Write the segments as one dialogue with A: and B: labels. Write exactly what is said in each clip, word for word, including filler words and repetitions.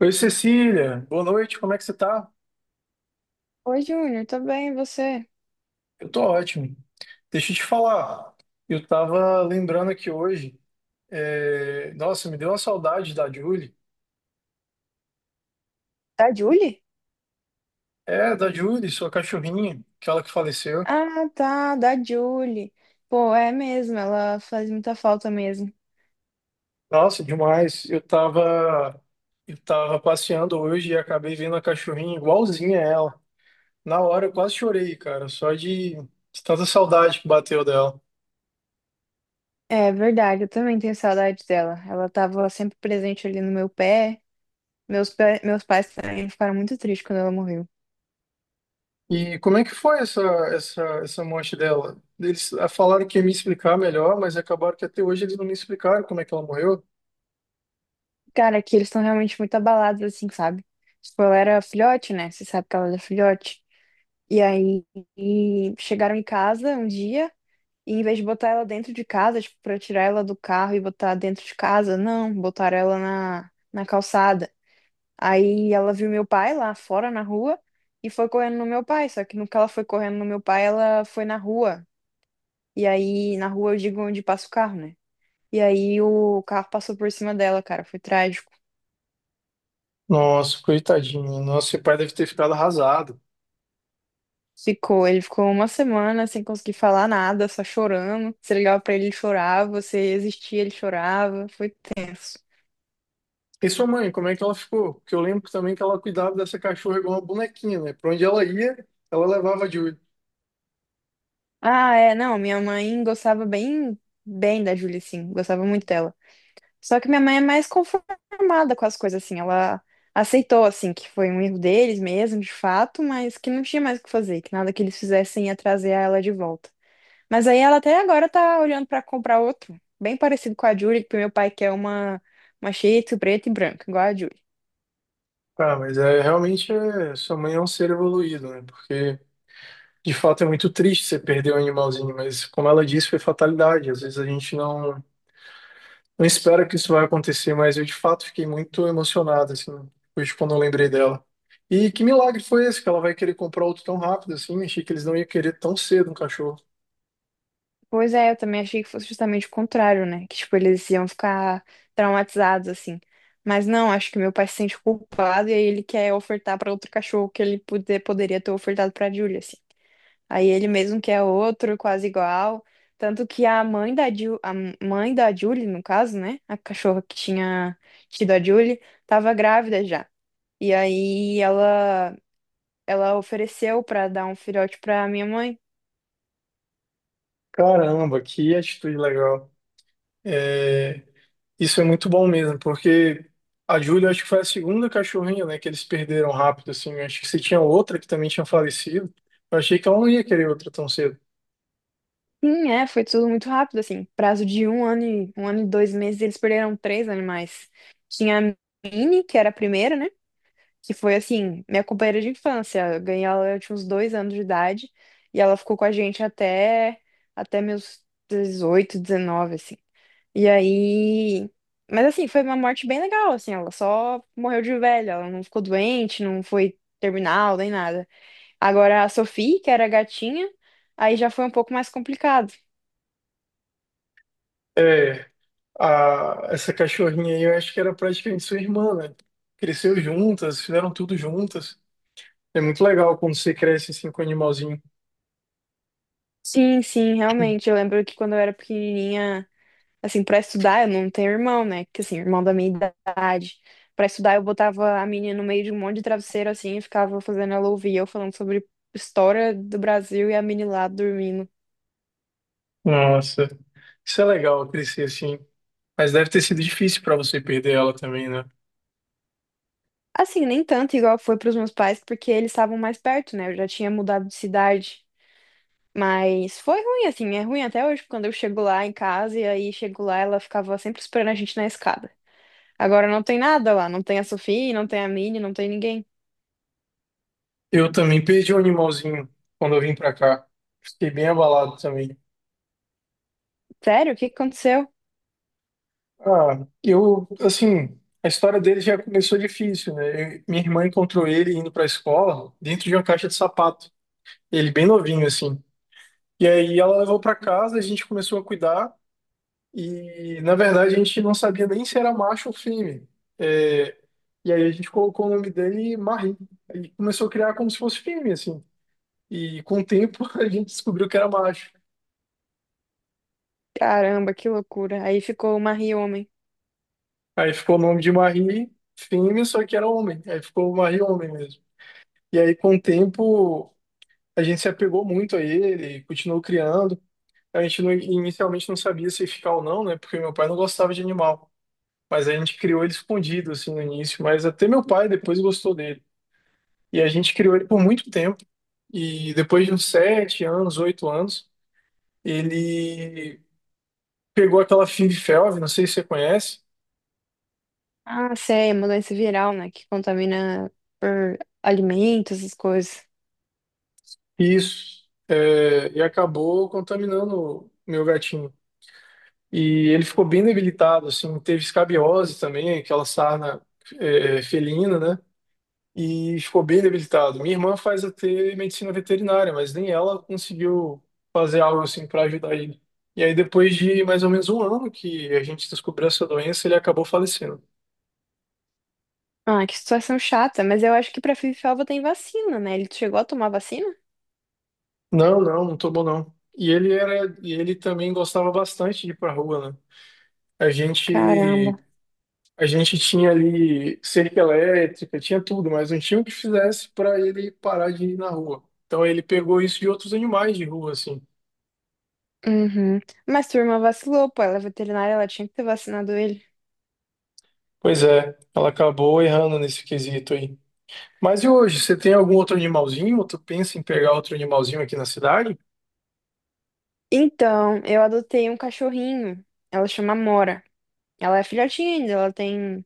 A: Oi, Cecília. Boa noite, como é que você tá?
B: Oi, Júnior, tudo bem, e você?
A: Eu tô ótimo. Deixa eu te falar. Eu tava lembrando aqui hoje. é, Nossa, me deu uma saudade da Julie.
B: Da Julie?
A: É, da Julie, sua cachorrinha, aquela que faleceu.
B: Ah, tá, da Julie. Pô, é mesmo, ela faz muita falta mesmo.
A: Nossa, demais. Eu tava... eu tava passeando hoje e acabei vendo a cachorrinha igualzinha a ela. Na hora eu quase chorei, cara, só de, de tanta saudade que bateu dela.
B: É verdade, eu também tenho saudade dela. Ela tava sempre presente ali no meu pé. Meus, pé- meus pais também ficaram muito tristes quando ela morreu.
A: E como é que foi essa, essa, essa morte dela? Eles ah, falaram que ia me explicar melhor, mas acabaram que até hoje eles não me explicaram como é que ela morreu.
B: Cara, que eles estão realmente muito abalados, assim, sabe? Tipo, ela era filhote, né? Você sabe que ela era filhote. E aí, e chegaram em casa um dia. E em vez de botar ela dentro de casa, tipo, pra tirar ela do carro e botar dentro de casa, não, botaram ela na, na calçada. Aí ela viu meu pai lá fora na rua e foi correndo no meu pai. Só que no que ela foi correndo no meu pai, ela foi na rua. E aí, na rua eu digo onde passa o carro, né? E aí o carro passou por cima dela, cara, foi trágico.
A: Nossa, coitadinha. Nossa, seu pai deve ter ficado arrasado.
B: Ficou, ele ficou uma semana sem conseguir falar nada, só chorando. Você ligava pra ele, ele chorava, você existia, ele chorava, foi tenso.
A: E sua mãe, como é que ela ficou? Porque eu lembro também que ela cuidava dessa cachorra igual uma bonequinha, né? Pra onde ela ia, ela levava de olho.
B: Ah, é, não, minha mãe gostava bem, bem da Julie, sim, gostava muito dela. Só que minha mãe é mais conformada com as coisas, assim, ela aceitou, assim, que foi um erro deles mesmo, de fato, mas que não tinha mais o que fazer, que nada que eles fizessem ia trazer ela de volta. Mas aí ela até agora tá olhando pra comprar outro, bem parecido com a Julie, que meu pai quer uma, uma Shih Tzu preta e branca, igual a Julie.
A: Cara, mas é, realmente é, sua mãe é um ser evoluído, né? Porque de fato é muito triste você perder um animalzinho, mas como ela disse, foi fatalidade. Às vezes a gente não. Não espero que isso vai acontecer, mas eu de fato fiquei muito emocionado, assim, depois de quando eu lembrei dela. E que milagre foi esse que ela vai querer comprar outro tão rápido assim? Achei que eles não iam querer tão cedo um cachorro.
B: Pois é, eu também achei que fosse justamente o contrário, né? Que, tipo, eles iam ficar traumatizados, assim. Mas não, acho que meu pai se sente culpado e aí ele quer ofertar pra outro cachorro que ele poder, poderia ter ofertado pra Julia, assim. Aí ele mesmo quer outro, quase igual. Tanto que a mãe da Ju, a mãe da Julie, no caso, né? A cachorra que tinha tido a Julie, tava grávida já. E aí ela, ela ofereceu pra dar um filhote pra minha mãe.
A: Caramba, que atitude legal. É, isso é muito bom mesmo, porque a Júlia acho que foi a segunda cachorrinha, né, que eles perderam rápido assim. Eu acho que se tinha outra que também tinha falecido, eu achei que ela não ia querer outra tão cedo.
B: Sim, é, foi tudo muito rápido, assim. Prazo de um ano e um ano e dois meses, eles perderam três animais. Tinha a Minnie, que era a primeira, né? Que foi assim, minha companheira de infância. Eu ganhei ela, eu tinha uns dois anos de idade, e ela ficou com a gente até, até meus dezoito dezenove assim. E aí. Mas assim, foi uma morte bem legal, assim, ela só morreu de velha, ela não ficou doente, não foi terminal, nem nada. Agora a Sophie, que era a gatinha, aí já foi um pouco mais complicado.
A: É. A- essa cachorrinha aí, eu acho que era praticamente sua irmã, né? Cresceu juntas, fizeram tudo juntas. É muito legal quando você cresce assim com o animalzinho.
B: Sim, sim, realmente. Eu lembro que quando eu era pequenininha, assim, pra estudar, eu não tenho irmão, né? Que assim, irmão da minha idade. Pra estudar, eu botava a menina no meio de um monte de travesseiro, assim, e ficava fazendo ela ouvir eu falando sobre história do Brasil e a menina lá dormindo.
A: Nossa, isso é legal crescer assim. Mas deve ter sido difícil para você perder ela também, né?
B: Assim, nem tanto igual foi pros meus pais, porque eles estavam mais perto, né? Eu já tinha mudado de cidade. Mas foi ruim, assim, é ruim até hoje, quando eu chego lá em casa e aí chego lá, ela ficava sempre esperando a gente na escada. Agora não tem nada lá, não tem a Sofia, não tem a Minnie, não tem ninguém.
A: Eu também perdi um animalzinho quando eu vim para cá. Fiquei bem abalado também.
B: Sério? O que que aconteceu?
A: Ah, eu, assim, a história dele já começou difícil, né? Eu- minha irmã encontrou ele indo para a escola dentro de uma caixa de sapato. Ele bem novinho, assim. E aí ela levou para casa, a gente começou a cuidar e na verdade a gente não sabia nem se era macho ou fêmea. É, e aí a gente colocou o nome dele Marie. Aí começou a criar como se fosse fêmea assim. E com o tempo a gente descobriu que era macho.
B: Caramba, que loucura. Aí ficou uma rioma.
A: Aí ficou o nome de Marie fêmea, só que era homem. Aí ficou Marie homem mesmo. E aí com o tempo a gente se apegou muito a ele, continuou criando. A gente não- Inicialmente não sabia se ia ficar ou não, né? Porque meu pai não gostava de animal. Mas a gente criou ele escondido, assim, no início. Mas até meu pai depois gostou dele. E a gente criou ele por muito tempo. E depois de uns sete anos, oito anos, ele pegou aquela Fib-Felv, não sei se você conhece,
B: Ah, sei, é uma doença viral, né? Que contamina por alimentos, essas coisas.
A: e, isso, é, e acabou contaminando o meu gatinho. E ele ficou bem debilitado, assim, teve escabiosa também, aquela sarna, é, felina, né? E ficou bem debilitado. Minha irmã faz até medicina veterinária, mas nem ela conseguiu fazer algo assim para ajudar ele. E aí, depois de mais ou menos um ano que a gente descobriu essa doença, ele acabou falecendo.
B: Ah, que situação chata. Mas eu acho que pra Fifiova tem vacina, né? Ele chegou a tomar vacina?
A: Não, não, não tomou não. E ele era, e ele também gostava bastante de ir pra rua, né? A gente,
B: Caramba.
A: a gente tinha ali cerca elétrica, tinha tudo, mas não tinha o que fizesse para ele parar de ir na rua. Então ele pegou isso de outros animais de rua, assim.
B: Uhum. Mas tua irmã vacilou, pô. Ela é veterinária, ela tinha que ter vacinado ele.
A: Pois é, ela acabou errando nesse quesito aí. Mas e hoje, você tem algum outro animalzinho? Ou tu pensa em pegar outro animalzinho aqui na cidade?
B: Então, eu adotei um cachorrinho. Ela chama Mora. Ela é filhotinha ainda, ela tem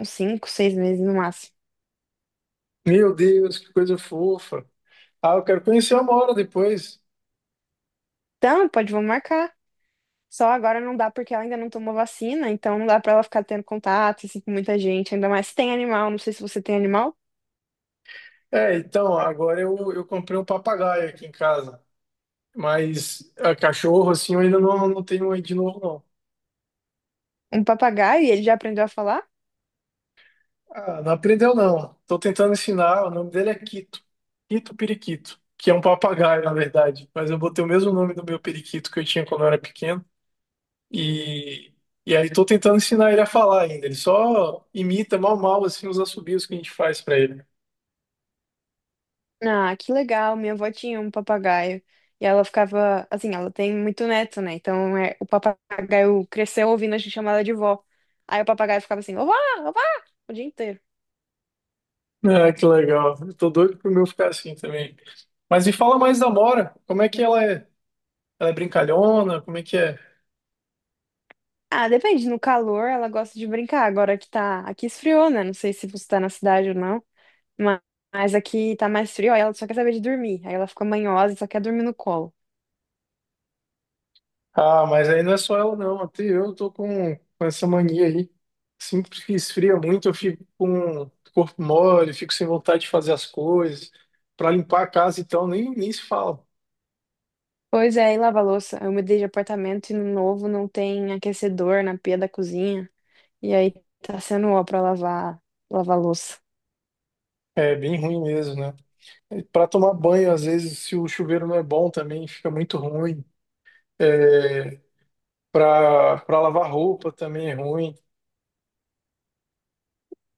B: uns cinco, seis meses no máximo.
A: Meu Deus, que coisa fofa. Ah, eu quero conhecer uma hora depois.
B: Então, pode, vamos marcar. Só agora não dá porque ela ainda não tomou vacina, então não dá pra ela ficar tendo contato assim, com muita gente, ainda mais se tem animal. Não sei se você tem animal.
A: É, então, agora eu, eu comprei um papagaio aqui em casa. Mas ah, cachorro, assim, eu ainda não, não tenho aí de novo, não.
B: Um papagaio, e ele já aprendeu a falar?
A: Ah, não aprendeu, não. Tô tentando ensinar. O nome dele é Quito. Quito Periquito, que é um papagaio, na verdade. Mas eu botei o mesmo nome do meu periquito que eu tinha quando eu era pequeno. E, e aí tô tentando ensinar ele a falar ainda. Ele só imita mal mal assim os assobios que a gente faz pra ele.
B: Ah, que legal, minha avó tinha um papagaio. E ela ficava, assim, ela tem muito neto, né? Então é, o papagaio cresceu ouvindo a gente chamar ela de vó. Aí o papagaio ficava assim, ová, ová, o dia inteiro.
A: Ah, que legal. Eu tô doido pro meu ficar assim também. Mas me fala mais da Mora. Como é que ela é? Ela é brincalhona? Como é que é?
B: Ah, depende, no calor ela gosta de brincar, agora que tá, aqui esfriou, né? Não sei se você tá na cidade ou não. Ma- Mas aqui tá mais frio, aí ela só quer saber de dormir. Aí ela fica manhosa e só quer dormir no colo.
A: Ah, mas aí não é só ela não. Até eu tô com, com essa mania aí. Sempre que esfria muito, eu fico com o corpo mole, fico sem vontade de fazer as coisas. Pra limpar a casa, então, nem, nem se fala.
B: Pois é, e lava a louça. Eu mudei de apartamento e no novo não tem aquecedor na pia da cozinha. E aí tá sendo ó pra lavar, lavar, a louça.
A: É bem ruim mesmo, né? Para tomar banho, às vezes, se o chuveiro não é bom também, fica muito ruim. É, para para lavar roupa também é ruim.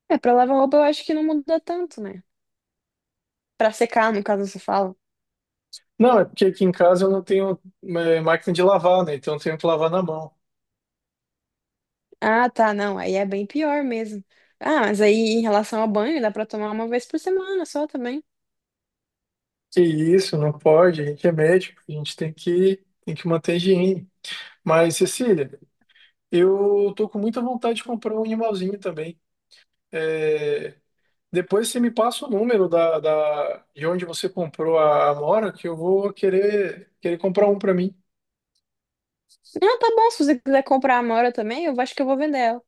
B: É, pra lavar roupa eu acho que não muda tanto, né? Pra secar, no caso, você fala.
A: Não, é porque aqui em casa eu não tenho é, máquina de lavar, né? Então eu tenho que lavar na mão.
B: Ah, tá, não. Aí é bem pior mesmo. Ah, mas aí em relação ao banho, dá pra tomar uma vez por semana só também.
A: Que isso, não pode, a gente é médico, a gente tem que, tem que manter a higiene. Mas, Cecília, eu tô com muita vontade de comprar um animalzinho também. É, Depois você me passa o número da, da, de onde você comprou a Amora, que eu vou querer, querer comprar um para mim.
B: Não, tá bom. Se você quiser comprar a Amora também, eu acho que eu vou vender ela.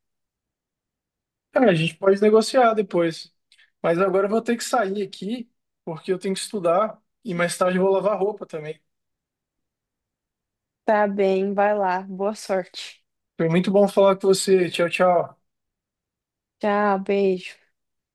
A: Cara, a gente pode negociar depois. Mas agora eu vou ter que sair aqui, porque eu tenho que estudar e mais tarde eu vou lavar roupa também.
B: Tá bem, vai lá. Boa sorte.
A: Foi muito bom falar com você. Tchau, tchau.
B: Tchau, beijo.